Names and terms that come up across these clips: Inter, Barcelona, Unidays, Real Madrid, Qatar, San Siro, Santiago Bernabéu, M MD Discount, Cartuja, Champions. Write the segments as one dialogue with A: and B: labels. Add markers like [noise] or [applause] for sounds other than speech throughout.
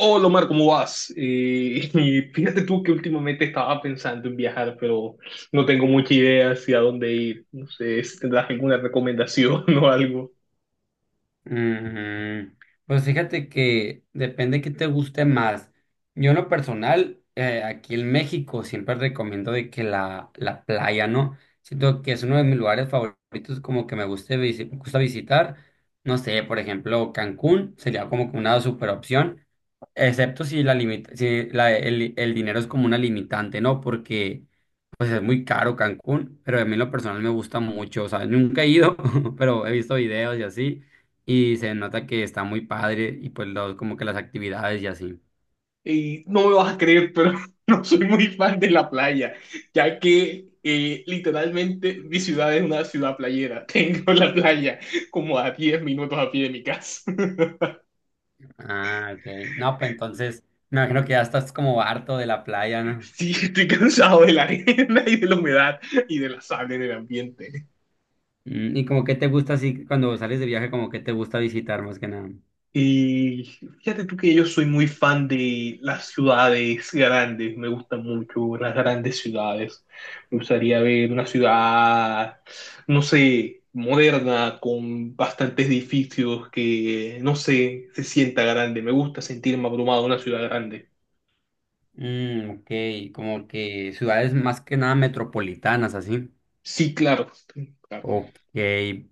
A: Hola Omar, ¿cómo vas? [laughs] Y fíjate tú que últimamente estaba pensando en viajar, pero no tengo mucha idea hacia dónde ir. No sé si tendrás alguna recomendación [laughs] o algo.
B: Mm, pues fíjate que depende qué te guste más. Yo en lo personal, aquí en México siempre recomiendo de que la playa, ¿no? Siento que es uno de mis lugares favoritos, como que me gusta visitar. No sé, por ejemplo, Cancún sería como que una super opción, excepto si la limita, si la, el dinero es como una limitante, ¿no? Porque pues es muy caro Cancún, pero a mí en lo personal me gusta mucho, o sea, nunca he ido, [laughs] pero he visto videos y así, y se nota que está muy padre y pues los, como que las actividades y así.
A: Y no me vas a creer, pero [laughs] no soy muy fan de la playa, ya que literalmente mi ciudad es una ciudad playera. [laughs] Tengo la playa como a 10 minutos a pie de mi casa. [laughs]
B: Ah, ok. No, pues entonces me imagino que ya estás como harto de la playa, ¿no?
A: Sí, estoy cansado de la arena y de la humedad y de la sal en el ambiente.
B: Y como que te gusta así cuando sales de viaje, como que te gusta visitar más que nada.
A: Y fíjate tú que yo soy muy fan de las ciudades grandes, me gustan mucho las grandes ciudades. Me gustaría ver una ciudad, no sé, moderna, con bastantes edificios que, no sé, se sienta grande. Me gusta sentirme abrumado en una ciudad grande.
B: Ok, como que ciudades más que nada metropolitanas, así.
A: Sí, claro. Sí, claro.
B: Ok,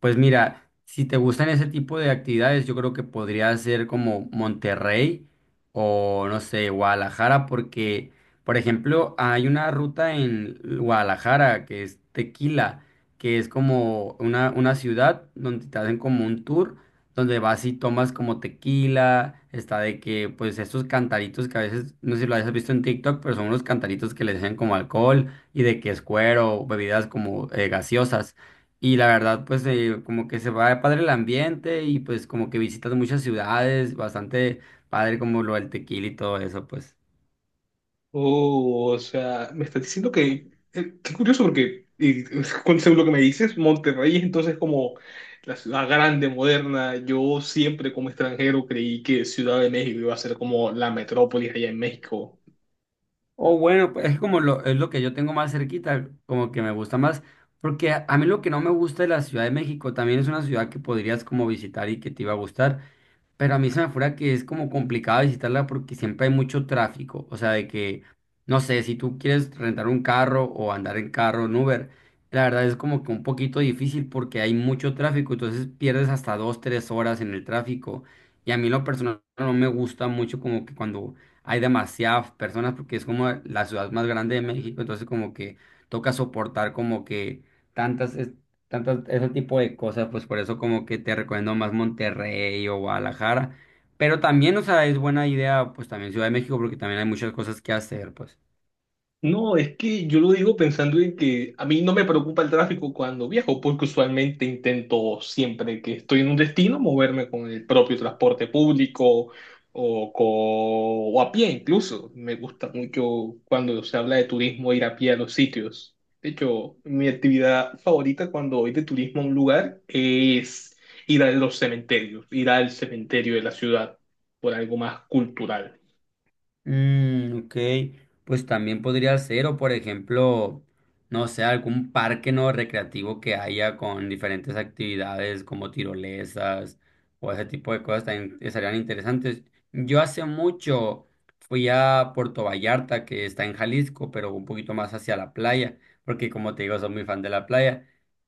B: pues mira, si te gustan ese tipo de actividades, yo creo que podría ser como Monterrey o no sé, Guadalajara, porque, por ejemplo, hay una ruta en Guadalajara que es Tequila, que es como una ciudad donde te hacen como un tour, donde vas y tomas como tequila, está de que, pues, estos cantaritos que a veces, no sé si lo hayas visto en TikTok, pero son unos cantaritos que les echan como alcohol y de que es cuero, bebidas como gaseosas. Y la verdad, pues como que se va de padre el ambiente y pues como que visitas muchas ciudades, bastante padre como lo del tequila y todo eso, pues.
A: Oh, o sea, me estás diciendo que, qué curioso porque, [laughs] según lo que me dices, Monterrey es entonces como la ciudad grande, moderna. Yo siempre como extranjero creí que Ciudad de México iba a ser como la metrópolis allá en México.
B: O bueno, pues es como lo, es lo que yo tengo más cerquita, como que me gusta más, porque a mí lo que no me gusta de la Ciudad de México también es una ciudad que podrías como visitar y que te iba a gustar. Pero a mí se me fuera que es como complicado visitarla porque siempre hay mucho tráfico. O sea, de que, no sé, si tú quieres rentar un carro o andar en carro en Uber, la verdad es como que un poquito difícil porque hay mucho tráfico. Entonces pierdes hasta 2, 3 horas en el tráfico. Y a mí lo personal no me gusta mucho como que cuando hay demasiadas personas porque es como la ciudad más grande de México. Entonces como que toca soportar como que tantas tantas, ese tipo de cosas, pues por eso como que te recomiendo más Monterrey o Guadalajara. Pero también, o sea, es buena idea, pues también Ciudad de México, porque también hay muchas cosas que hacer, pues.
A: No, es que yo lo digo pensando en que a mí no me preocupa el tráfico cuando viajo, porque usualmente intento siempre que estoy en un destino moverme con el propio transporte público o a pie incluso. Me gusta mucho cuando se habla de turismo ir a pie a los sitios. De hecho, mi actividad favorita cuando voy de turismo a un lugar es ir a los cementerios, ir al cementerio de la ciudad por algo más cultural.
B: Ok, pues también podría ser, o por ejemplo, no sé, algún parque no recreativo que haya con diferentes actividades como tirolesas o ese tipo de cosas también estarían interesantes. Yo hace mucho fui a Puerto Vallarta, que está en Jalisco, pero un poquito más hacia la playa, porque como te digo, soy muy fan de la playa,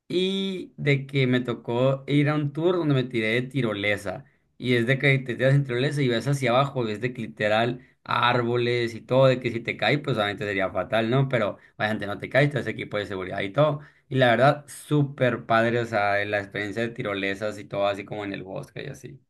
B: y de que me tocó ir a un tour donde me tiré de tirolesa, y es de que te tiras en tirolesa y ves hacia abajo, ves de que literal a árboles y todo, de que si te caes, pues obviamente sería fatal, ¿no? Pero obviamente no te caes, te hace equipo de seguridad y todo. Y la verdad, súper padre, o sea, la experiencia de tirolesas y todo, así como en el bosque y así.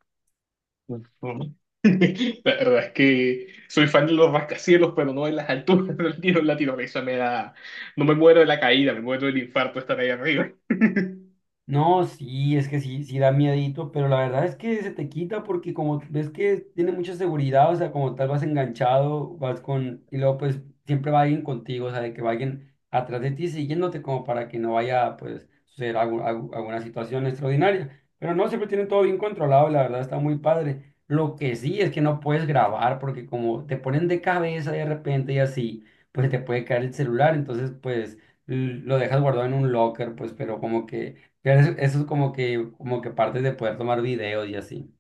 A: Ujú. [laughs] La verdad es que soy fan de los rascacielos, pero no en las alturas del tiro en Latinoamérica. Me da... No me muero de la caída, me muero del infarto estar ahí arriba. [laughs]
B: No, sí, es que sí, sí da miedito, pero la verdad es que se te quita porque como ves que tiene mucha seguridad, o sea, como tal vas enganchado, y luego pues siempre va alguien contigo, o sea, de que va alguien atrás de ti siguiéndote como para que no vaya pues suceder alguna situación extraordinaria. Pero no, siempre tienen todo bien controlado y la verdad está muy padre. Lo que sí es que no puedes grabar porque como te ponen de cabeza de repente y así, pues te puede caer el celular, entonces pues lo dejas guardado en un locker, pues, pero como que eso es como que parte de poder tomar videos y así.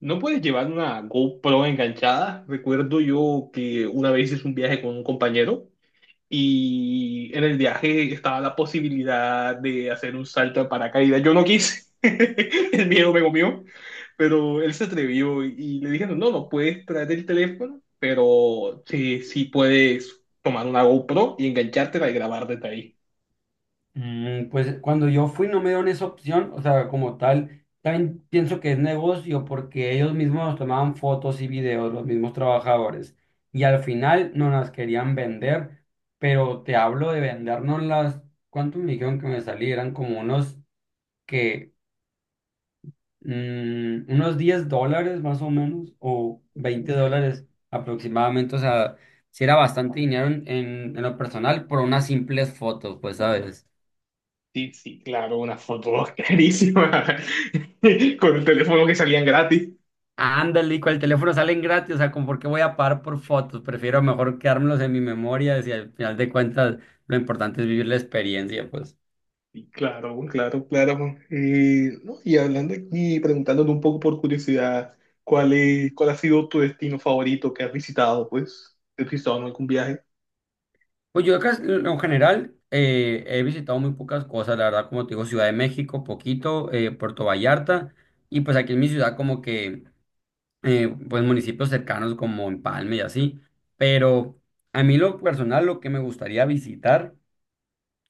A: ¿No puedes llevar una GoPro enganchada? Recuerdo yo que una vez hice un viaje con un compañero. Y en el viaje estaba la posibilidad de hacer un salto de paracaídas. Yo no quise, [laughs] el miedo me comió, pero él se atrevió y le dijeron, no, no puedes traer el teléfono, pero sí, sí puedes tomar una GoPro y enganchártela y grabar desde ahí.
B: Pues cuando yo fui no me dieron esa opción, o sea, como tal, también pienso que es negocio porque ellos mismos nos tomaban fotos y videos, los mismos trabajadores, y al final no las querían vender, pero te hablo de vendernos las, ¿cuánto me dijeron que me salieran? Como unos que unos $10 más o menos, o $20 aproximadamente, o sea, si era bastante dinero en lo personal por unas simples fotos, pues, ¿sabes?
A: Sí, sí, claro, una foto [laughs] clarísima [laughs] con el teléfono que salían gratis.
B: Ándale, y con el teléfono salen gratis, o sea, ¿con por qué voy a pagar por fotos? Prefiero mejor quedármelos en mi memoria, si al final de cuentas lo importante es vivir la experiencia, pues.
A: Claro, claro, claro. No, y hablando aquí, preguntándote un poco por curiosidad, ¿cuál es, cuál ha sido tu destino favorito que has visitado, pues? ¿Has visitado en algún viaje?
B: Pues yo acá, en lo general, he visitado muy pocas cosas, la verdad, como te digo, Ciudad de México, poquito, Puerto Vallarta, y pues aquí en mi ciudad como que pues municipios cercanos como Empalme y así, pero a mí lo personal lo que me gustaría visitar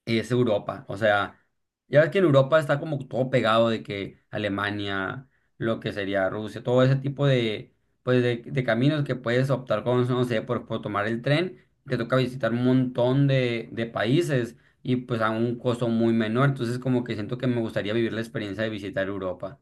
B: es Europa, o sea, ya ves que en Europa está como todo pegado de que Alemania, lo que sería Rusia, todo ese tipo de, pues de caminos que puedes optar con, no sé, por tomar el tren, te toca visitar un montón de países y pues a un costo muy menor, entonces como que siento que me gustaría vivir la experiencia de visitar Europa.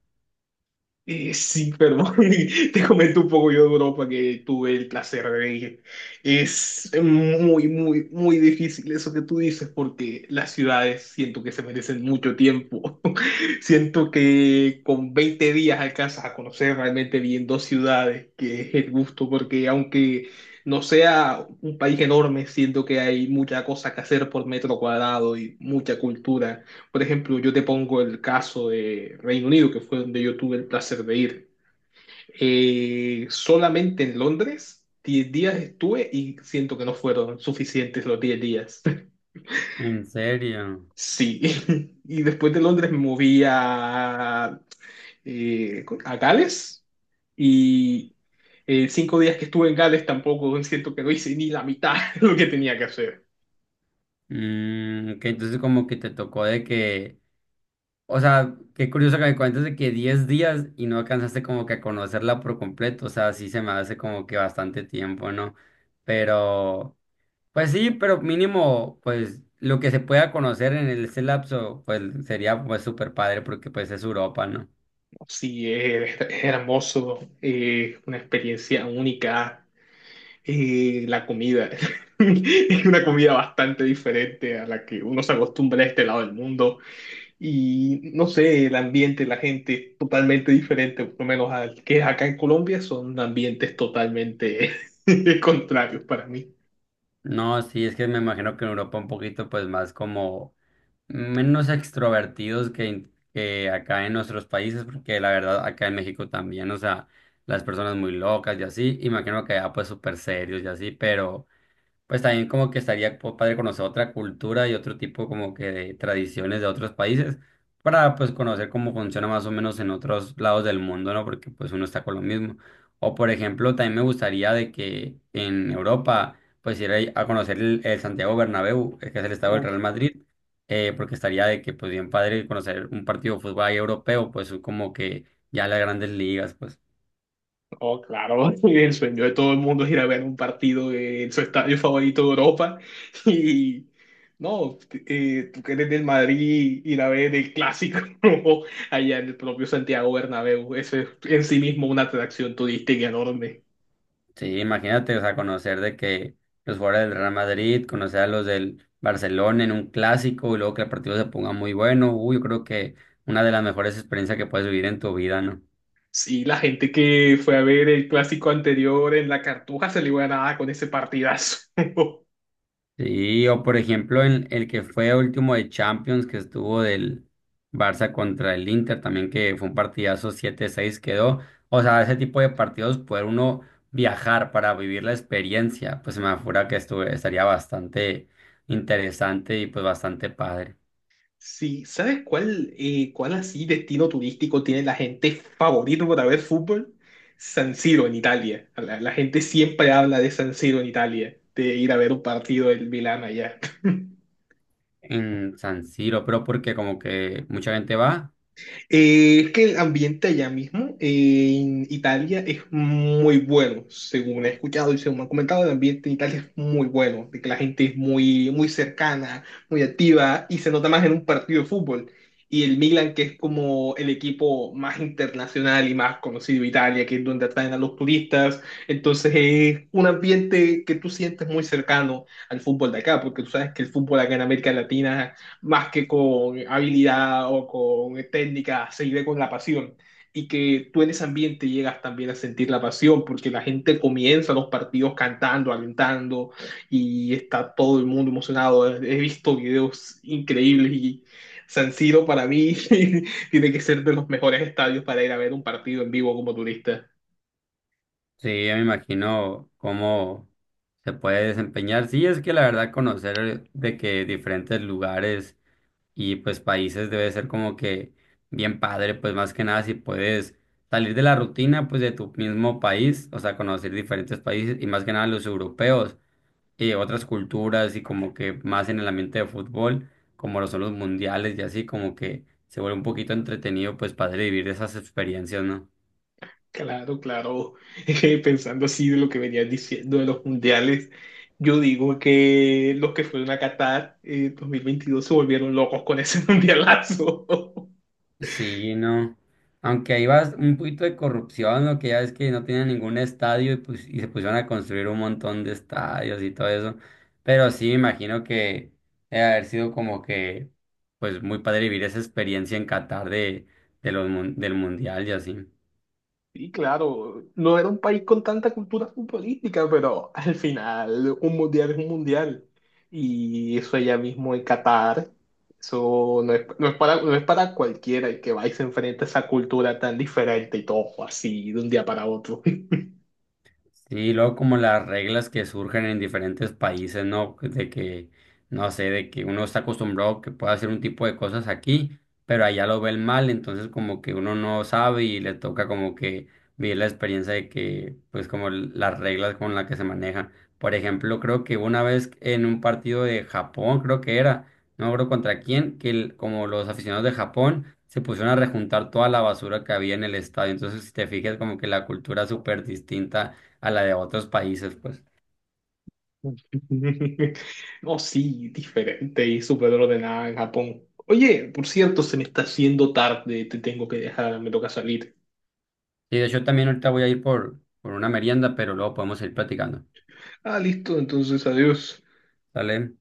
A: Sí, perdón, [laughs] te comento un poco yo de Europa que tuve el placer de ir. Es muy, muy, muy difícil eso que tú dices porque las ciudades siento que se merecen mucho tiempo. [laughs] Siento que con 20 días alcanzas a conocer realmente bien dos ciudades, que es el gusto, porque aunque no sea un país enorme, siento que hay mucha cosa que hacer por metro cuadrado y mucha cultura. Por ejemplo, yo te pongo el caso de Reino Unido, que fue donde yo tuve el placer de ir. Solamente en Londres, 10 días estuve y siento que no fueron suficientes los 10 días. [laughs]
B: ¿En serio?
A: Sí, [laughs] y después de Londres me moví a Gales y 5 días que estuve en Gales tampoco [laughs] siento que no hice ni la mitad [laughs] de lo que tenía que hacer.
B: Ok, entonces como que te tocó de que, o sea, qué curioso que me cuentes de que 10 días y no alcanzaste como que a conocerla por completo, o sea, sí se me hace como que bastante tiempo, ¿no? Pero, pues sí, pero mínimo, pues lo que se pueda conocer en ese lapso, pues sería pues súper padre porque pues es Europa, ¿no?
A: Sí, es hermoso, una experiencia única. La comida [laughs] es una comida bastante diferente a la que uno se acostumbra a este lado del mundo y no sé, el ambiente, la gente totalmente diferente, por lo menos al que es acá en Colombia, son ambientes totalmente [laughs] contrarios para mí.
B: No, sí, es que me imagino que en Europa un poquito pues más como menos extrovertidos que, que acá en nuestros países, porque la verdad acá en México también, o sea, las personas muy locas y así, y me imagino que allá pues súper serios y así, pero... Pues también como que estaría padre conocer otra cultura y otro tipo como que de tradiciones de otros países para pues conocer cómo funciona más o menos en otros lados del mundo, ¿no? Porque pues uno está con lo mismo. O por ejemplo, también me gustaría de que en Europa pues ir ahí a conocer el Santiago Bernabéu, que es el estado del Real Madrid, porque estaría de que pues bien padre conocer un partido de fútbol ahí europeo, pues como que ya las grandes ligas, pues.
A: Oh, claro, [laughs] el sueño de todo el mundo es ir a ver un partido en su estadio favorito de Europa. [laughs] Y no, tú que eres del Madrid, ir a ver el clásico [laughs] allá en el propio Santiago Bernabéu. Eso es en sí mismo una atracción turística enorme.
B: Sí, imagínate, o sea, conocer de que los jugadores del Real Madrid, conocer a los del Barcelona en un clásico y luego que el partido se ponga muy bueno, uy, yo creo que una de las mejores experiencias que puedes vivir en tu vida, ¿no?
A: Sí, la gente que fue a ver el clásico anterior en la Cartuja se le iba a dar con ese partidazo. [laughs]
B: Sí, o por ejemplo, en el que fue último de Champions, que estuvo del Barça contra el Inter, también que fue un partidazo 7-6 quedó. O sea, ese tipo de partidos, poder uno viajar para vivir la experiencia, pues se me afura que estuve, estaría bastante interesante y pues bastante padre.
A: Sí, ¿sabes cuál, cuál así destino turístico tiene la gente favorito para ver fútbol? San Siro en Italia. La gente siempre habla de San Siro en Italia, de ir a ver un partido del Milán allá. [laughs]
B: En San Siro, pero porque como que mucha gente va,
A: Es que el ambiente allá mismo en Italia es muy bueno, según he escuchado y según me han comentado, el ambiente en Italia es muy bueno, de que la gente es muy, muy cercana, muy activa y se nota más en un partido de fútbol. Y el Milan, que es como el equipo más internacional y más conocido de Italia, que es donde atraen a los turistas, entonces es un ambiente que tú sientes muy cercano al fútbol de acá, porque tú sabes que el fútbol acá en América Latina más que con habilidad o con técnica, se vive con la pasión. Y que tú en ese ambiente llegas también a sentir la pasión, porque la gente comienza los partidos cantando, alentando, y está todo el mundo emocionado. He visto videos increíbles y San Siro para mí [laughs] tiene que ser de los mejores estadios para ir a ver un partido en vivo como turista.
B: sí, ya me imagino cómo se puede desempeñar. Sí, es que la verdad conocer de que diferentes lugares y pues países debe ser como que bien padre, pues más que nada si puedes salir de la rutina pues de tu mismo país, o sea, conocer diferentes países y más que nada los europeos. Y otras culturas y como que más en el ambiente de fútbol, como lo son los mundiales y así, como que se vuelve un poquito entretenido pues para vivir esas experiencias, ¿no?
A: Claro, claro. [laughs] Pensando así de lo que venías diciendo de los mundiales, yo digo que los que fueron a Qatar en 2022 se volvieron locos con ese [laughs] mundialazo.
B: Sí, no. Aunque ahí va un poquito de corrupción, lo que ya es que no tenían ningún estadio y, pues, y se pusieron a construir un montón de estadios y todo eso. Pero sí, me imagino que debe haber sido como que, pues muy padre vivir esa experiencia en Qatar de, del mundial y así.
A: Sí, claro, no era un país con tanta cultura futbolística, pero al final un mundial es un mundial. Y eso allá mismo en Qatar, eso no es, no es para, no es para cualquiera el que va y se enfrenta a esa cultura tan diferente y todo así de un día para otro.
B: Sí, luego como las reglas que surgen en diferentes países, ¿no? De que, no sé, de que uno está acostumbrado que pueda hacer un tipo de cosas aquí, pero allá lo ven mal, entonces como que uno no sabe y le toca como que vivir la experiencia de que, pues como las reglas con las que se manejan. Por ejemplo, creo que una vez en un partido de Japón, creo que era, no me acuerdo contra quién, que como los aficionados de Japón se pusieron a rejuntar toda la basura que había en el estadio. Entonces, si te fijas, como que la cultura es súper distinta a la de otros países, pues.
A: [laughs] Oh, sí, diferente y súper ordenada en Japón. Oye, por cierto, se me está haciendo tarde, te tengo que dejar, me toca salir.
B: Y de hecho también ahorita voy a ir por una merienda, pero luego podemos ir platicando.
A: Ah, listo, entonces adiós.
B: ¿Sale?